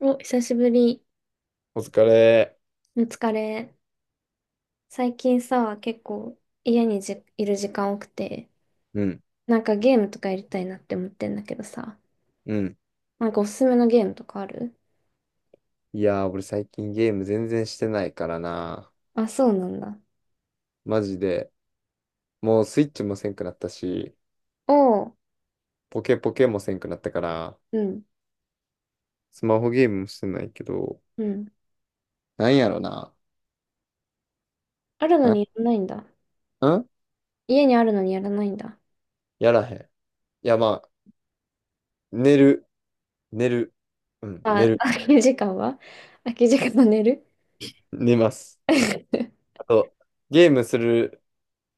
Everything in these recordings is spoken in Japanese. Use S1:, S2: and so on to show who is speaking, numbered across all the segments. S1: お、久しぶり。
S2: お疲れ。
S1: お疲れ。最近さ、結構家にいる時間多くて、
S2: うん、
S1: なんかゲームとかやりたいなって思ってんだけどさ、
S2: うん。
S1: なんかおすすめのゲームとかある？
S2: いやー、俺最近ゲーム全然してないからな。
S1: あ、そうなんだ。
S2: マジで。もうスイッチもせんくなったし、
S1: おう、
S2: ポケポケもせんくなったから、
S1: うん、
S2: スマホゲームもしてないけど、
S1: うん。
S2: なんやろな。
S1: あるのにやらないんだ。
S2: な、ん
S1: 家にあるのにやらないんだ。
S2: やらへん。いや、まあ、寝る。寝る。うん、寝
S1: あ、
S2: る。
S1: 空き時間は寝る。
S2: 寝ます。あと、ゲームする、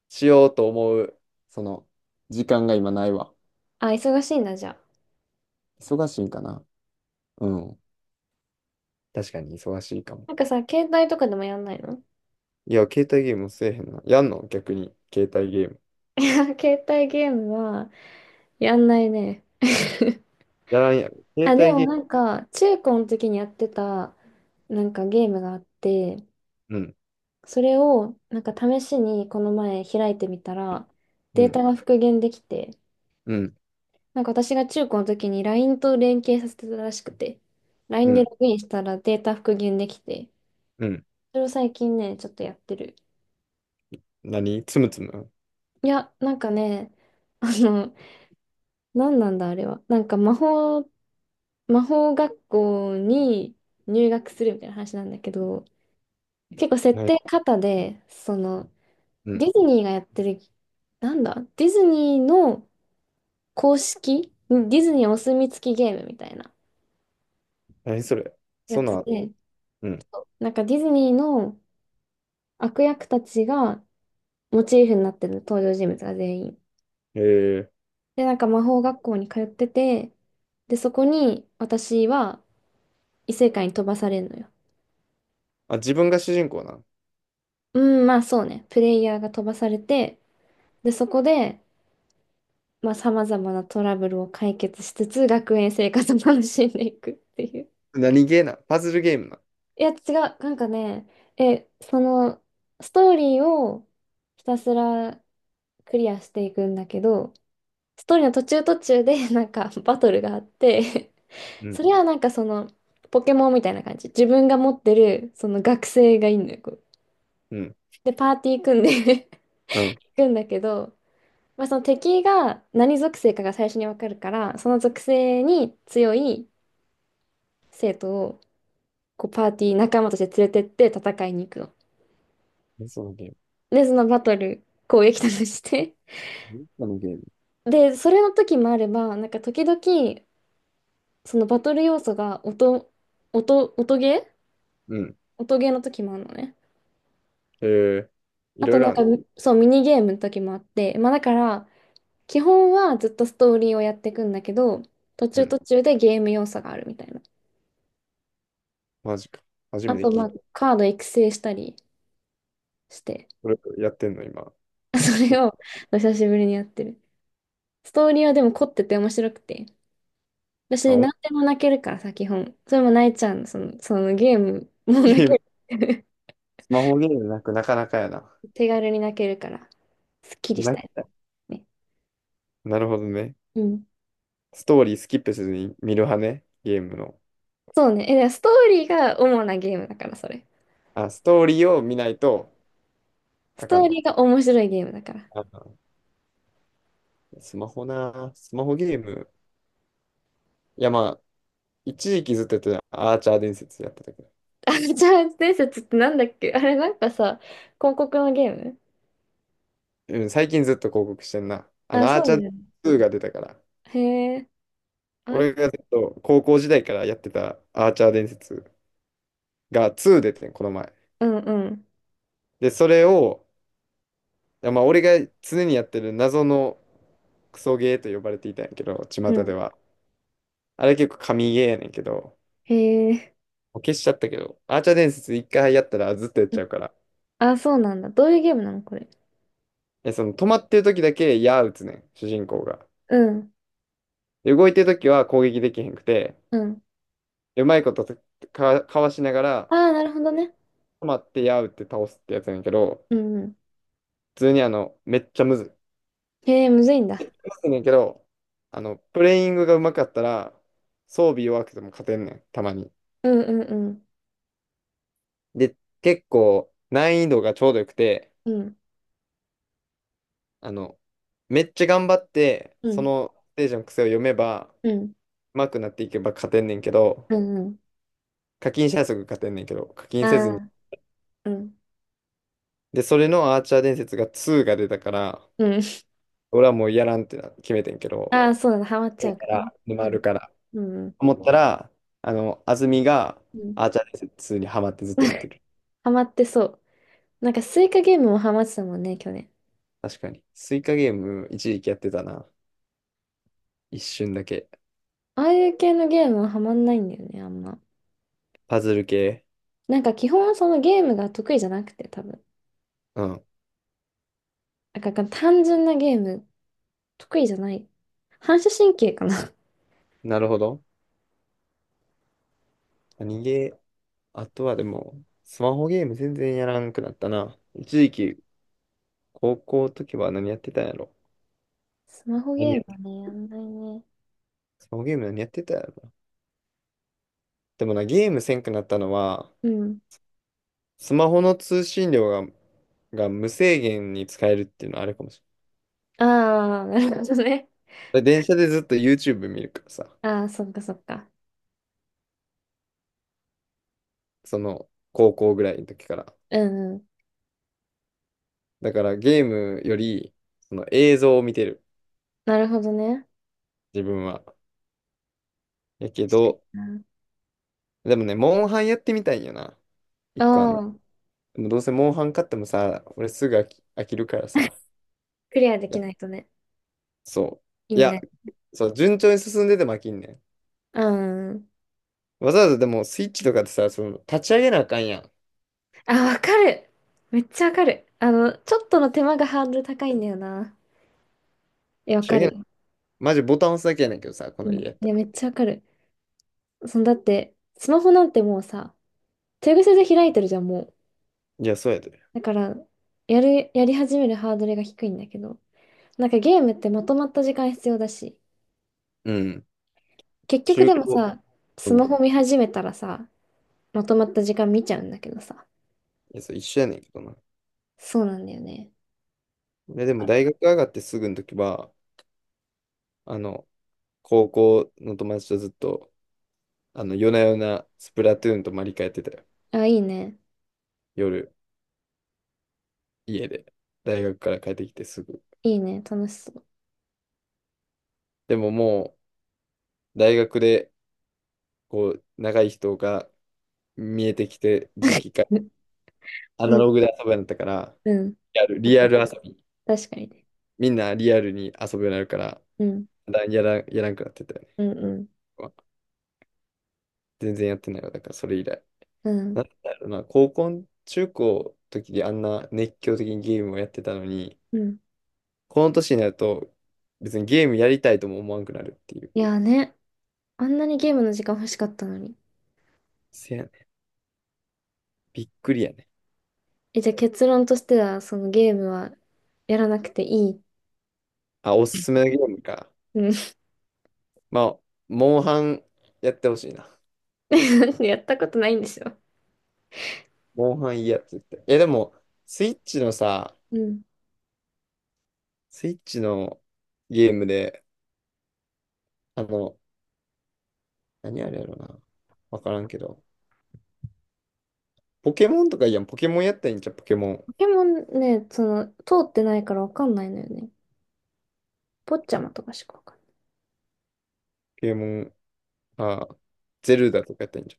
S2: しようと思う、その、時間が今ないわ。
S1: あ、忙しいんだ、じゃあ。
S2: 忙しいんかな。うん。確かに忙しいかも。
S1: なんかさ、携帯とかでもやんないの？
S2: いや、携帯ゲームせえへんな。やんの逆に、携帯ゲーム。
S1: いや携帯ゲームはやんないね。
S2: やらんやろ。携
S1: あ、で
S2: 帯
S1: も
S2: ゲー
S1: なんか、中高の時にやってた、なんかゲームがあって、
S2: ム。うん、
S1: それを、なんか試しにこの前開いてみたら、
S2: う
S1: デー
S2: ん、
S1: タが復元できて、
S2: うん、
S1: なんか私が中高の時に LINE と連携させてたらしくて、
S2: う
S1: LINE で
S2: ん、
S1: ログインしたらデータ復元できて、
S2: うん。
S1: それを最近ね、ちょっとやってる。
S2: 何つむつむ。
S1: いや、なんかね、あの、何なんだあれは。なんか魔法学校に入学するみたいな話なんだけど、結構設
S2: なに、
S1: 定型で、その、
S2: う
S1: デ
S2: ん。
S1: ィズニーがやってる、なんだ、ディズニーの公式、ディズニーお墨付きゲームみたいな
S2: 何それ。
S1: や
S2: そん
S1: つ
S2: な、
S1: で、
S2: うん。
S1: なんかディズニーの悪役たちがモチーフになってる登場人物が全員。
S2: えー、
S1: で、なんか魔法学校に通ってて、で、そこに私は異世界に飛ばされるのよ。
S2: あ、自分が主人公な。
S1: うん、まあそうね。プレイヤーが飛ばされて、で、そこで、まあ、様々なトラブルを解決しつつ、学園生活を楽しんでいくっていう。
S2: 何ゲーな。パズルゲームな。
S1: いや、違う。なんかね、その、ストーリーをひたすらクリアしていくんだけど、ストーリーの途中途中で、なんか、バトルがあって、
S2: うん、
S1: それはなんかその、ポケモンみたいな感じ。自分が持ってる、その学生がいるんのよ。こう
S2: うん、
S1: で、パーティー組んで
S2: うん。
S1: 行くんだけど、まあ、その敵が何属性かが最初にわかるから、その属性に強い生徒をこうパーティー仲間として連れてって戦いに行くの。
S2: 何そのゲーム。
S1: で、そのバトル、攻撃とかして。
S2: 何そのゲーム。
S1: で、それの時もあれば、なんか時々、そのバトル要素が音、音ゲー
S2: うん。
S1: 音ゲーの時もあるのね。
S2: えー、い
S1: あ
S2: ろ
S1: と
S2: いろ
S1: なん
S2: あん
S1: か、
S2: ね。
S1: そう、ミニゲームの時もあって、まあだから、基本はずっとストーリーをやっていくんだけど、途
S2: う
S1: 中途
S2: ん。
S1: 中でゲーム要素があるみたいな。
S2: マジか。初
S1: あ
S2: めて
S1: と、
S2: 聞
S1: ま
S2: い
S1: あ、
S2: た。
S1: カード育成したりして、
S2: それやってんの、今。
S1: そ
S2: え、
S1: れを久しぶりにやってる。ストーリーはでも凝ってて面白くて。
S2: あ、
S1: 私、何
S2: お、
S1: でも泣けるからさ、基本。それも泣いちゃうの、そのゲームも
S2: ゲ
S1: 泣
S2: ー
S1: け
S2: ム。
S1: る。
S2: スマホゲームなくなかなかやな。
S1: 手軽に泣けるから、すっきりし
S2: な
S1: たいね。
S2: なるほどね。
S1: うん。
S2: ストーリースキップせずに見る派ね、ゲームの。
S1: そうね。でストーリーが主なゲームだから、それ。
S2: あ、ストーリーを見ないと
S1: ス
S2: あ
S1: ト
S2: か
S1: ー
S2: んの。
S1: リーが面白いゲームだから。
S2: あ、スマホな、スマホゲーム。いや、まあ、一時期ずっとやってた、アーチャー伝説やってたけど。
S1: あ、じゃあ伝説ってなんだっけあれ、なんかさ、広告のゲーム？
S2: うん、最近ずっと広告してんな。
S1: あ、そ
S2: アーチ
S1: う
S2: ャ
S1: だ
S2: ー
S1: よね。
S2: 2が出たから。
S1: へえ。あ、
S2: 俺がずっと高校時代からやってたアーチャー伝説が2出てん、この前。
S1: うんうん。
S2: で、それを、いやまあ、俺が常にやってる謎のクソゲーと呼ばれていたんやけど、巷
S1: う
S2: で
S1: ん。
S2: は。あれ結構神ゲーやねんけど、
S1: へえ。
S2: 消しちゃったけど、アーチャー伝説一回やったらずっとやっ
S1: うん。
S2: ちゃうから。
S1: あ、そうなんだ。どういうゲームなのこれ？
S2: え、止まってる時だけ矢打つねん、主人公が。
S1: うん。
S2: で動いてる時は攻撃できへんくて、
S1: うん。
S2: うまいことかわしなが
S1: あ
S2: ら
S1: あ、なるほどね。
S2: 止まって矢打って倒すってやつやねんけど、
S1: うんうん。
S2: 普通にめっちゃむずい。む
S1: へえ、むずいんだ。
S2: ずいねんけど、プレイングがうまかったら、装備弱くても勝てんねん、たまに。
S1: うん。うん。
S2: で、結構難易度がちょうどよくて、
S1: うん、
S2: あの、めっちゃ頑張って、
S1: う
S2: そ
S1: ん、
S2: のステージの癖を読めば、
S1: うん、
S2: 上手くなっていけば勝てんねんけど、
S1: うん、うん。
S2: 課金したすぐ勝てんねんけど、課金
S1: あ
S2: せずに。
S1: あ、うん、
S2: で、それのアーチャー伝説が2が出たから、
S1: うん。
S2: 俺はもうやらんってな決めてんけど、
S1: ああ、そうだ、ハマっちゃ
S2: 今
S1: う
S2: か
S1: からね。
S2: ら沼
S1: う
S2: るから。
S1: ん、うん、
S2: 思ったら、安住が
S1: うん。
S2: アーチャー伝説2にハマってずっとやって る。
S1: ハマってそう。なんかスイカゲームもハマってたもんね、去年。
S2: 確かに。スイカゲーム一時期やってたな。一瞬だけ。
S1: ああいう系のゲームはハマんないんだよね、あんま。
S2: パズル系。
S1: なんか基本そのゲームが得意じゃなくて、多分。
S2: うん。
S1: なんか単純なゲーム、得意じゃない。反射神経かな。
S2: なるほど。何ゲー、あとはでも、スマホゲーム全然やらんくなったな。一時期、高校の時は何やってたんやろ。
S1: スマホゲームは
S2: 何
S1: ね、やんないね。
S2: スマホゲーム何やってたやろな。でもな、ゲームせんくなったのは、
S1: うん。
S2: スマホの通信量が無制限に使えるっていうのはあれかもし
S1: ああ、なるほどね。
S2: れない。電車でずっと YouTube 見るからさ、
S1: ああ、そっかそっか。
S2: その高校ぐらいの時から。
S1: うんうん。
S2: だからゲームより、その映像を見てる、
S1: なるほどね。
S2: 自分は。やけ
S1: 確か
S2: ど、
S1: にな。
S2: でもね、モンハンやってみたいんよな。
S1: う
S2: 一個あんの。
S1: ん。
S2: でもどうせモンハン買ってもさ、俺すぐ飽きるからさ。
S1: クリアで
S2: い
S1: き
S2: や、
S1: ないとね、
S2: そ
S1: 意
S2: う。い
S1: 味な
S2: や、
S1: い。
S2: そう、順調に進んでても飽きんねん。
S1: うん。
S2: わざわざでもスイッチとかってさ、その立ち上げなあかんやん。立
S1: あ、わかる。めっちゃわかる。あの、ちょっとの手間がハードル高いんだよな。え、わ
S2: ち
S1: か
S2: 上
S1: る
S2: げな、
S1: よ。
S2: マジボタン押すだけやねんけどさ、こ
S1: う
S2: の
S1: ん。
S2: 家やっ
S1: い
S2: た
S1: や、
S2: ら。
S1: めっちゃわかる。そのだって、スマホなんてもうさ、手癖で開いてるじゃん、もう。
S2: いや、そうやで。
S1: だから、やり始めるハードルが低いんだけど。なんかゲームってまとまった時間必要だし、
S2: うん。
S1: 結局
S2: 中
S1: でも
S2: 古。
S1: さ、
S2: う
S1: ス
S2: ん。
S1: マ
S2: い
S1: ホ見始めたらさ、まとまった時間見ちゃうんだけどさ。
S2: や、そう一緒やねんけどな。
S1: そうなんだよね。
S2: でも大学上がってすぐの時は、あの、高校の友達とずっと、夜な夜なスプラトゥーンとマリカやってたよ。
S1: あ、いいね。
S2: 夜、家で。大学から帰ってきてすぐ。
S1: いいね。楽しそう。
S2: でももう、大学で、長い人が見えてきて、時期からア
S1: う
S2: ナ
S1: ん、
S2: ログで遊ぶようになったから、
S1: うん。なん
S2: リ
S1: か、
S2: アル遊び。
S1: 確かにね。
S2: みんなリアルに遊ぶようになるから、
S1: うん、
S2: だやら、やらんくなってたよね。
S1: うん、うん、
S2: 全然やってないわ。だからそれ以来。
S1: う
S2: なん
S1: ん、
S2: だろうな、中高の時にあんな熱狂的にゲームをやってたのに、
S1: うん。
S2: この年になると別にゲームやりたいとも思わんくなるっていう。
S1: いやーね、あんなにゲームの時間欲しかったのに。
S2: せやね。びっくりやね。
S1: え、じゃあ結論としては、そのゲームはやらなくていい。
S2: あ、おすすめのゲームか。
S1: うん。
S2: まあ、モンハンやってほしいな。
S1: やったことないんでしょ？
S2: モンハンいいやつって。いや、でも、スイッチのさ、
S1: うん。
S2: スイッチのゲームで、あの、何あれやろな。わからんけど。ポケモンとかいいやん、ポケモンやったらいいんじゃん、ポケモン。ポ
S1: ポケモンね、通ってないからわかんないのよね。ポッチャマとかしかわかんない。
S2: ケモン、あ、ゼルダとかやったらいいんじ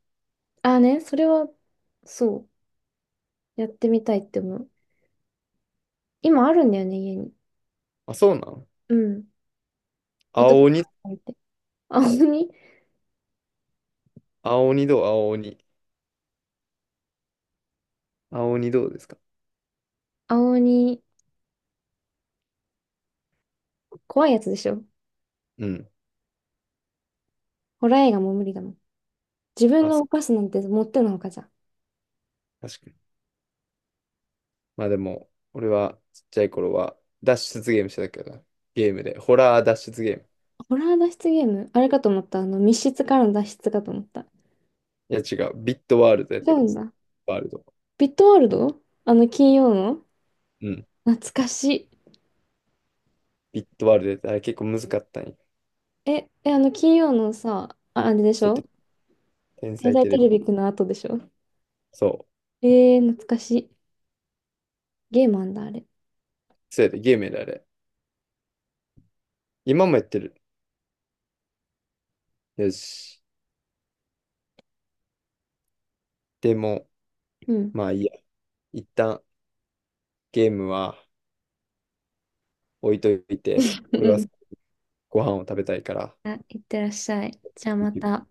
S1: ああね、それは、そう、やってみたいって思う。今あるんだよね、家に。
S2: ゃん。あ、そうなの。
S1: うん。いと
S2: 青
S1: こ
S2: 鬼、
S1: がいて。青鬼、
S2: 青鬼どう青鬼。青鬼どうですか。
S1: 青鬼、怖いやつでしょ？
S2: うん。
S1: ホラー映画も無理だもん。自分
S2: あ、
S1: が動かすなんてもってのほかじゃん。
S2: 確かに。まあでも、俺はちっちゃい頃は脱出ゲームしてたけどな、ゲームで。ホラー脱出ゲーム。
S1: ホラー脱出ゲームあれかと思った。あの、密室からの脱出かと思った。
S2: いや違う、ビットワールドやっ
S1: 違
S2: て
S1: う
S2: た。
S1: んだ。
S2: ワールド。
S1: ビットワールド、金曜の。
S2: うん。
S1: 懐かしい。
S2: ビットワールドやってたあれ結構難かったんや。
S1: あの、金曜のさ、あ、あれでし
S2: そう、
S1: ょ、
S2: 天
S1: 天
S2: 才
S1: 才
S2: テレ
S1: テレ
S2: ビ。
S1: ビくんの後でしょ？
S2: そう。
S1: 懐かしい。ゲームあんだ、あれ。
S2: そうやで、ゲームやであれ。今もやってる。よし。でも、
S1: うん。
S2: まあいいや。一旦ゲームは置いといて、
S1: うん
S2: 俺
S1: う
S2: は
S1: ん。
S2: ご飯を食べたいから。
S1: あ、いってらっしゃい。じゃあまた。